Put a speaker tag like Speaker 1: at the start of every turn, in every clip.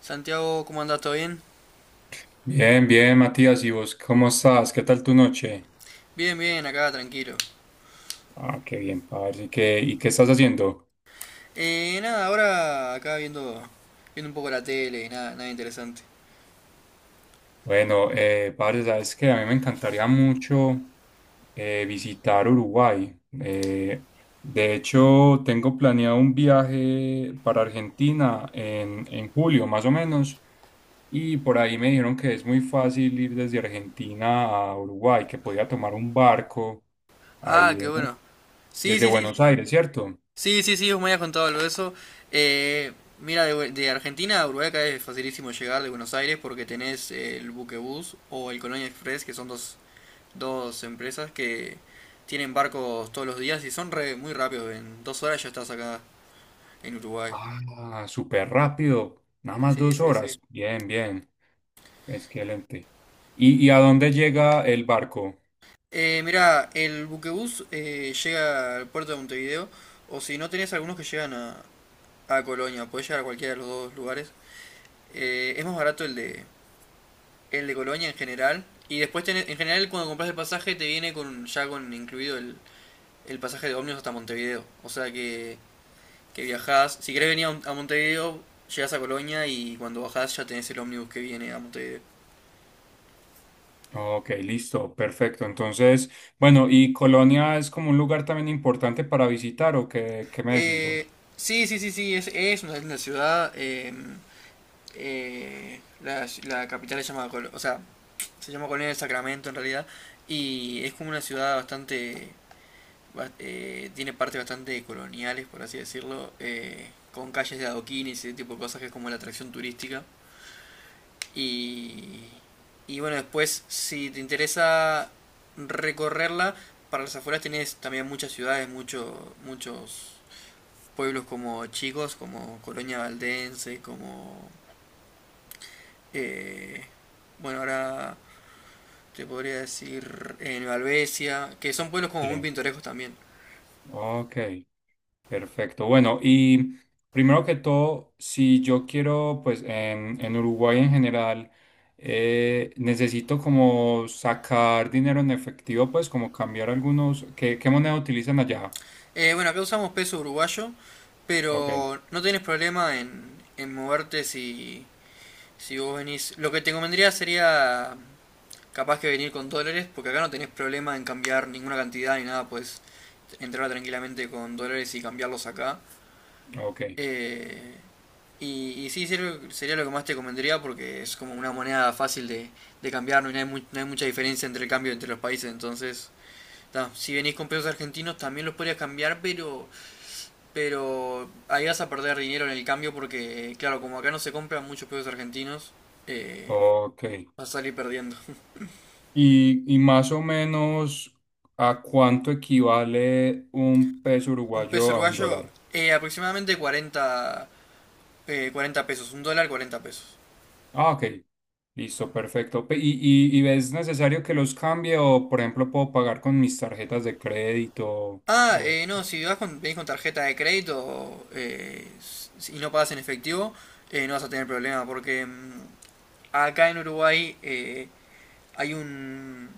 Speaker 1: Santiago, ¿cómo andás? ¿Todo bien?
Speaker 2: Bien, bien, Matías, ¿y vos cómo estás? ¿Qué tal tu noche?
Speaker 1: Bien, bien, acá tranquilo.
Speaker 2: Ah, qué bien, parce. ¿Y qué estás haciendo?
Speaker 1: Nada, ahora acá viendo, viendo un poco la tele, nada, nada interesante.
Speaker 2: Bueno, parce, sabes que a mí me encantaría mucho visitar Uruguay. De hecho, tengo planeado un viaje para Argentina en julio, más o menos, y por ahí me dijeron que es muy fácil ir desde Argentina a Uruguay, que podía tomar un barco
Speaker 1: Ah,
Speaker 2: ahí
Speaker 1: qué
Speaker 2: en-
Speaker 1: bueno. Sí,
Speaker 2: desde
Speaker 1: sí, sí, sí,
Speaker 2: Buenos
Speaker 1: sí.
Speaker 2: Aires, ¿cierto?
Speaker 1: Sí, sí, sí, vos me habías contado algo de eso. Eh, Mira, de Argentina a Uruguay acá es facilísimo llegar de Buenos Aires porque tenés el Buquebús o el Colonia Express, que son dos empresas que tienen barcos todos los días y son muy rápidos. En 2 horas ya estás acá en Uruguay.
Speaker 2: Ah, súper rápido. Nada más
Speaker 1: Sí,
Speaker 2: dos
Speaker 1: sí, sí.
Speaker 2: horas. Bien, bien. Excelente. ¿Y a dónde llega el barco?
Speaker 1: Mirá, el Buquebús llega al puerto de Montevideo, o si no tenés algunos que llegan a Colonia, podés llegar a cualquiera de los dos lugares. Es más barato el de Colonia en general, y después en general cuando compras el pasaje te viene con ya con incluido el pasaje de ómnibus hasta Montevideo, o sea que viajás, si querés venir a Montevideo, llegás a Colonia y cuando bajás ya tenés el ómnibus que viene a Montevideo.
Speaker 2: Ok, listo, perfecto. Entonces, bueno, ¿y Colonia es como un lugar también importante para visitar o qué me decís
Speaker 1: Eh,
Speaker 2: vos?
Speaker 1: sí, sí, sí, sí, es una linda ciudad. La capital se llama, o sea, se llama Colonia del Sacramento en realidad, y es como una ciudad bastante, tiene partes bastante coloniales, por así decirlo, con calles de adoquines y ese tipo de cosas que es como la atracción turística. Y, y bueno, después, si te interesa recorrerla, para las afueras tenés también muchas ciudades, muchos pueblos como chicos, como Colonia Valdense, como eh, bueno, ahora te podría decir en Valvesia, que son pueblos como muy
Speaker 2: Sí.
Speaker 1: pintorescos también.
Speaker 2: Ok. Perfecto. Bueno, y primero que todo, si yo quiero, pues en Uruguay en general, necesito como sacar dinero en efectivo, pues como cambiar algunos. ¿Qué moneda utilizan allá?
Speaker 1: Bueno, acá usamos peso uruguayo,
Speaker 2: Ok,
Speaker 1: pero no tenés problema en moverte si vos venís. Lo que te convendría sería capaz que venir con dólares, porque acá no tenés problema en cambiar ninguna cantidad ni nada, puedes entrar tranquilamente con dólares y cambiarlos acá.
Speaker 2: ok,
Speaker 1: Eh, y sí, sería, lo que más te comentaría porque es como una moneda fácil de cambiar, no hay mucha diferencia entre el cambio entre los países, entonces ta, si venís con pesos argentinos también los podrías cambiar, pero ahí vas a perder dinero en el cambio porque, claro, como acá no se compran muchos pesos argentinos, eh,
Speaker 2: ok.
Speaker 1: vas a salir perdiendo.
Speaker 2: Y más o menos, ¿a cuánto equivale un peso
Speaker 1: Un peso
Speaker 2: uruguayo a un
Speaker 1: uruguayo,
Speaker 2: dólar?
Speaker 1: aproximadamente 40, 40 pesos, un dólar 40 pesos.
Speaker 2: Ah, ok. Listo, perfecto. Pe- ¿Y es necesario que los cambie o, por ejemplo, puedo pagar con mis tarjetas de crédito?
Speaker 1: Ah,
Speaker 2: O...
Speaker 1: no, si venís con tarjeta de crédito y no pagas en efectivo, no vas a tener problema, porque acá en Uruguay hay un,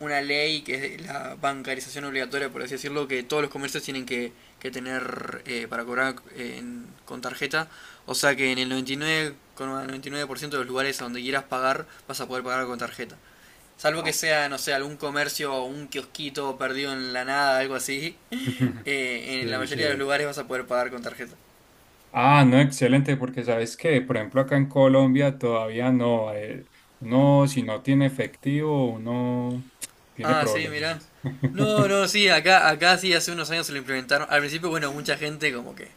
Speaker 1: una ley que es de la bancarización obligatoria, por así decirlo, que todos los comercios tienen que tener para cobrar con tarjeta. O sea que en el 99,99% de los lugares a donde quieras pagar, vas a poder pagar con tarjeta. Salvo que
Speaker 2: Ah,
Speaker 1: sea, no sé, algún comercio o un kiosquito perdido en la nada, algo así. En la
Speaker 2: Sí,
Speaker 1: mayoría de los
Speaker 2: sí.
Speaker 1: lugares vas a poder pagar con tarjeta.
Speaker 2: Ah, no, excelente, porque sabes que, por ejemplo, acá en Colombia todavía no. Uno, si no tiene efectivo, uno tiene
Speaker 1: Ah, sí, mirá.
Speaker 2: problemas.
Speaker 1: No, no, sí, acá sí, hace unos años se lo implementaron. Al principio, bueno, mucha gente como que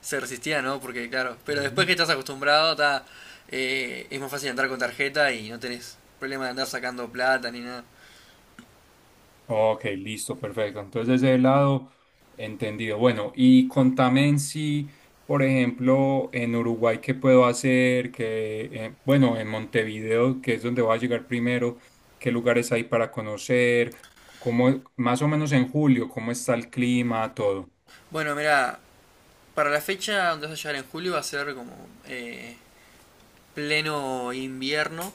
Speaker 1: se resistía, ¿no? Porque, claro, pero después
Speaker 2: Ujú.
Speaker 1: que estás acostumbrado, ta, es más fácil entrar con tarjeta y no tenés problema de andar sacando plata ni nada.
Speaker 2: Ok, listo, perfecto. Entonces, de ese lado, entendido. Bueno, y contame en sí, por ejemplo, en Uruguay, ¿qué puedo hacer? Que, bueno, en Montevideo, que es donde voy a llegar primero, ¿qué lugares hay para conocer? ¿Cómo, más o menos en julio, cómo está el clima, todo?
Speaker 1: Bueno, mira, para la fecha donde vas a llegar en julio va a ser como eh, pleno invierno.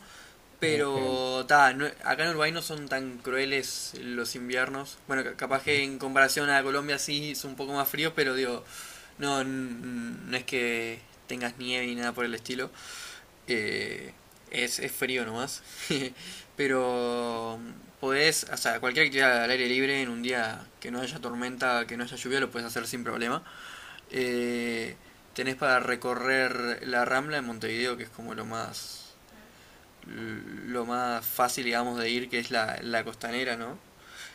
Speaker 2: Ok.
Speaker 1: Pero, ta, acá en Uruguay no son tan crueles los inviernos. Bueno, capaz
Speaker 2: Ujú,
Speaker 1: que en comparación a Colombia sí es un poco más frío, pero digo, no es que tengas nieve ni nada por el estilo. Eh, es frío nomás. Pero podés, o sea, cualquier actividad al aire libre en un día que no haya tormenta, que no haya lluvia, lo puedes hacer sin problema. Eh, Tenés para recorrer la Rambla en Montevideo, que es como lo más fácil, digamos, de ir, que es la costanera, ¿no?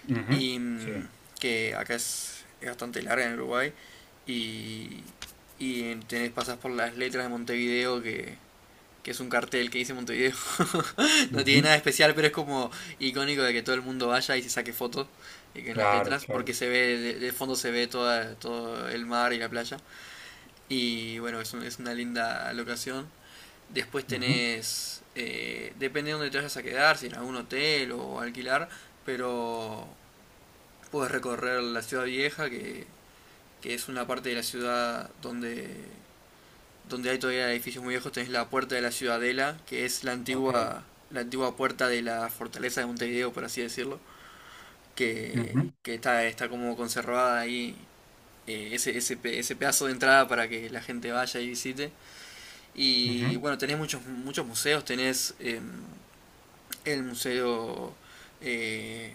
Speaker 2: ujú,
Speaker 1: Y
Speaker 2: sí.
Speaker 1: que acá es bastante larga en Uruguay. Y, y pasas por las letras de Montevideo, que es un cartel que dice Montevideo. No
Speaker 2: Ujú,
Speaker 1: tiene nada especial, pero es como icónico de que todo el mundo vaya y se saque fotos que en las
Speaker 2: claro,
Speaker 1: letras,
Speaker 2: claro.
Speaker 1: porque se ve, de fondo se ve todo el mar y la playa. Y bueno, es una linda locación. Después
Speaker 2: Ujú,
Speaker 1: depende de dónde te vayas a quedar, si en algún hotel o alquilar, pero puedes recorrer la ciudad vieja, que es una parte de la ciudad donde hay todavía edificios muy viejos. Tenés la puerta de la ciudadela, que es la
Speaker 2: ok.
Speaker 1: antigua, la antigua puerta de la fortaleza de Montevideo, por así decirlo, que,
Speaker 2: Ujú,
Speaker 1: que está como conservada ahí ese pedazo de entrada para que la gente vaya y visite. Y
Speaker 2: ujú,
Speaker 1: bueno, tenés muchos, muchos museos, tenés el Museo eh,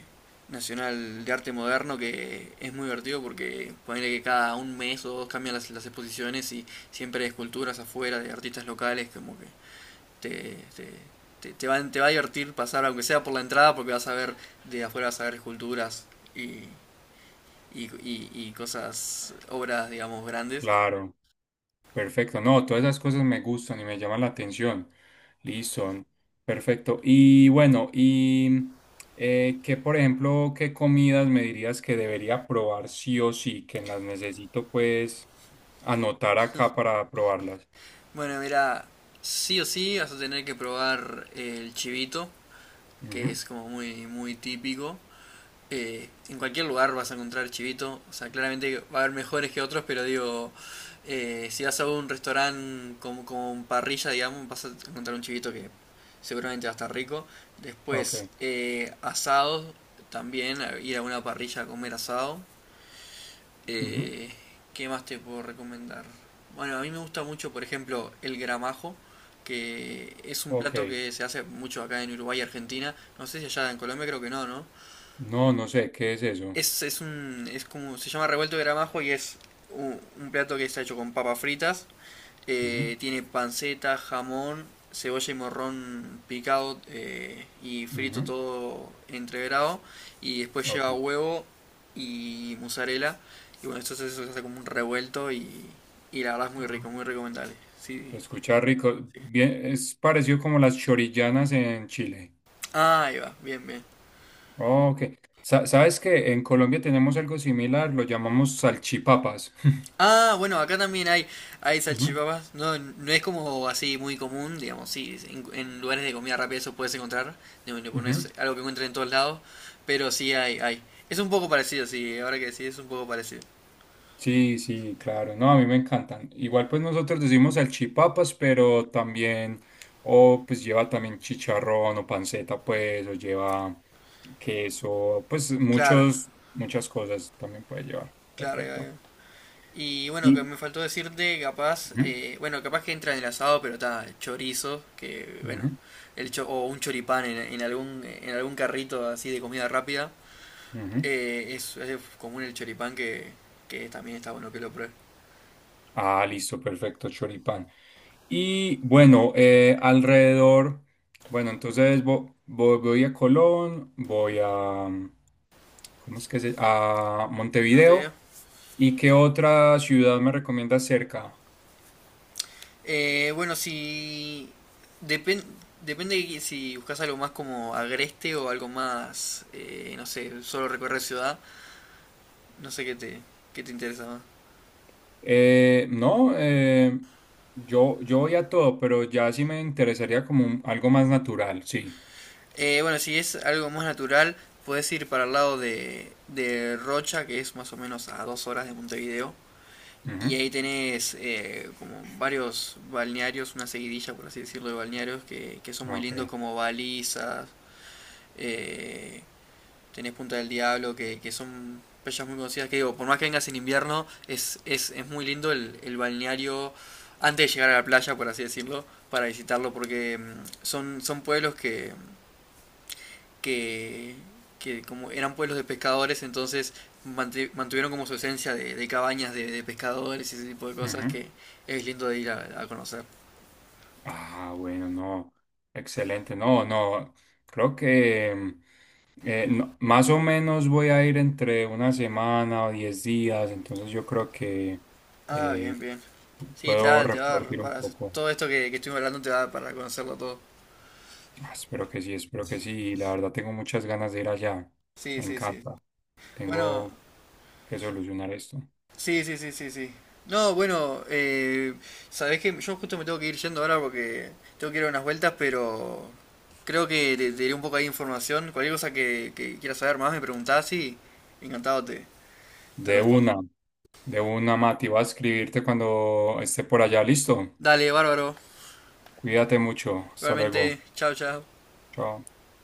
Speaker 1: Nacional de Arte Moderno, que es muy divertido porque ponerle que cada un mes o dos cambian las exposiciones y siempre hay esculturas afuera de artistas locales, como que te, te, te va a divertir pasar, aunque sea por la entrada, porque vas a ver de afuera, vas a ver esculturas y, y obras, digamos, grandes.
Speaker 2: claro. Perfecto, no, todas esas cosas me gustan y me llaman la atención. Listo, perfecto. Y bueno, y qué, por ejemplo, qué comidas me dirías que debería probar sí o sí, que las necesito pues anotar acá para probarlas.
Speaker 1: Bueno, mira, sí o sí vas a tener que probar el chivito, que
Speaker 2: Ujú,
Speaker 1: es como muy, muy típico. En cualquier lugar vas a encontrar chivito. O sea, claramente va a haber mejores que otros, pero digo, si vas a un restaurante con parrilla, digamos, vas a encontrar un chivito que seguramente va a estar rico.
Speaker 2: ok,
Speaker 1: Después, asados, también ir a una parrilla a comer asado.
Speaker 2: ujú,
Speaker 1: Eh, ¿Qué más te puedo recomendar? Bueno, a mí me gusta mucho, por ejemplo, el gramajo, que es un
Speaker 2: ok.
Speaker 1: plato que se hace mucho acá en Uruguay y Argentina. No sé si allá en Colombia, creo que no, ¿no?
Speaker 2: No, no sé, ¿qué es eso?
Speaker 1: Es un. Es como. Se llama revuelto de gramajo y es un plato que está hecho con papas fritas.
Speaker 2: Ujú,
Speaker 1: Tiene panceta, jamón, cebolla y morrón picado y frito
Speaker 2: ujú,
Speaker 1: todo entreverado. Y después
Speaker 2: ok.
Speaker 1: lleva huevo y mozzarella. Y bueno, esto se hace como un revuelto y la verdad es muy
Speaker 2: Ah.
Speaker 1: rico, muy recomendable. Sí,
Speaker 2: Se escucha rico.
Speaker 1: sí.
Speaker 2: Bien, es parecido como las chorillanas en Chile.
Speaker 1: Ah, ahí va, bien, bien.
Speaker 2: Oh, ok. Sa- ¿Sabes que en Colombia tenemos algo similar? Lo llamamos salchipapas.
Speaker 1: Ah, bueno, acá también hay
Speaker 2: Ujú,
Speaker 1: salchipapas. No, no es como así muy común, digamos, sí, en lugares de comida rápida eso puedes encontrar. No, no
Speaker 2: ujú.
Speaker 1: es algo que encuentres en todos lados, pero sí hay, hay. Es un poco parecido, sí, ahora que decís es un poco parecido.
Speaker 2: Sí, sí, claro. No, a mí me encantan. Igual pues nosotros decimos salchipapas, pero también, o pues lleva también chicharrón o panceta, pues, o lleva queso, pues
Speaker 1: Claro,
Speaker 2: muchos, muchas cosas también puede llevar.
Speaker 1: claro, ahí va, ahí
Speaker 2: Perfecto.
Speaker 1: va. Y bueno, que
Speaker 2: Y-
Speaker 1: me faltó decirte, capaz,
Speaker 2: ujú,
Speaker 1: bueno, capaz que entra en el asado, pero está chorizo, que bueno,
Speaker 2: ujú,
Speaker 1: o un choripán en algún carrito así de comida rápida.
Speaker 2: ujú.
Speaker 1: Es común el choripán que también está bueno que lo pruebe.
Speaker 2: Ah, listo, perfecto, choripán. Y bueno, entonces voy a Colón, voy a, mm, ¿cómo es que se? A
Speaker 1: ¿Cómo te digo?
Speaker 2: Montevideo. ¿Y qué otra ciudad me recomienda cerca?
Speaker 1: Bueno, depende depende si buscas algo más como agreste o algo más. No sé, solo recorrer ciudad. No sé qué te interesa más.
Speaker 2: No, yo voy a todo, pero ya sí me interesaría como un- algo más natural, sí.
Speaker 1: Bueno, si es algo más natural, puedes ir para el lado de Rocha, que es más o menos a 2 horas de Montevideo. Y ahí tenés como varios balnearios, una seguidilla por así decirlo de balnearios que son
Speaker 2: Ujú,
Speaker 1: muy
Speaker 2: ok.
Speaker 1: lindos como Balizas, eh, tenés Punta del Diablo, que son playas muy conocidas, que digo, por más que vengas en invierno, es muy lindo el balneario antes de llegar a la playa, por así decirlo, para visitarlo, porque son pueblos que que, que, como eran pueblos de pescadores, entonces mantuvieron como su esencia de cabañas de pescadores y ese tipo de cosas
Speaker 2: Ujú.
Speaker 1: que es lindo de ir a conocer.
Speaker 2: Ah, bueno, no. Excelente. No, no. Creo que no- más o menos voy a ir entre una semana o 10 días. Entonces yo creo que
Speaker 1: Ah, bien,
Speaker 2: eh,
Speaker 1: bien. Sí, te
Speaker 2: puedo
Speaker 1: va, te va a dar
Speaker 2: repartir un
Speaker 1: para
Speaker 2: poco.
Speaker 1: todo esto que estuvimos hablando te va a dar para conocerlo todo.
Speaker 2: Ah, espero que sí, espero que sí. La verdad tengo muchas ganas de ir allá.
Speaker 1: Sí,
Speaker 2: Me
Speaker 1: sí, sí, sí.
Speaker 2: encanta.
Speaker 1: Bueno,
Speaker 2: Tengo que solucionar esto.
Speaker 1: sí, sí, sí, sí, sí. No, bueno, sabés que yo justo me tengo que ir yendo ahora porque tengo que ir a unas vueltas, pero creo que te diré un poco ahí de información. Cualquier cosa que quieras saber más me preguntás y encantado te
Speaker 2: De
Speaker 1: respondo.
Speaker 2: una, de una, Mati. Voy a escribirte cuando esté por allá. Listo.
Speaker 1: Dale, bárbaro.
Speaker 2: Cuídate mucho. Hasta
Speaker 1: Realmente,
Speaker 2: luego.
Speaker 1: chao, chao.
Speaker 2: Chao.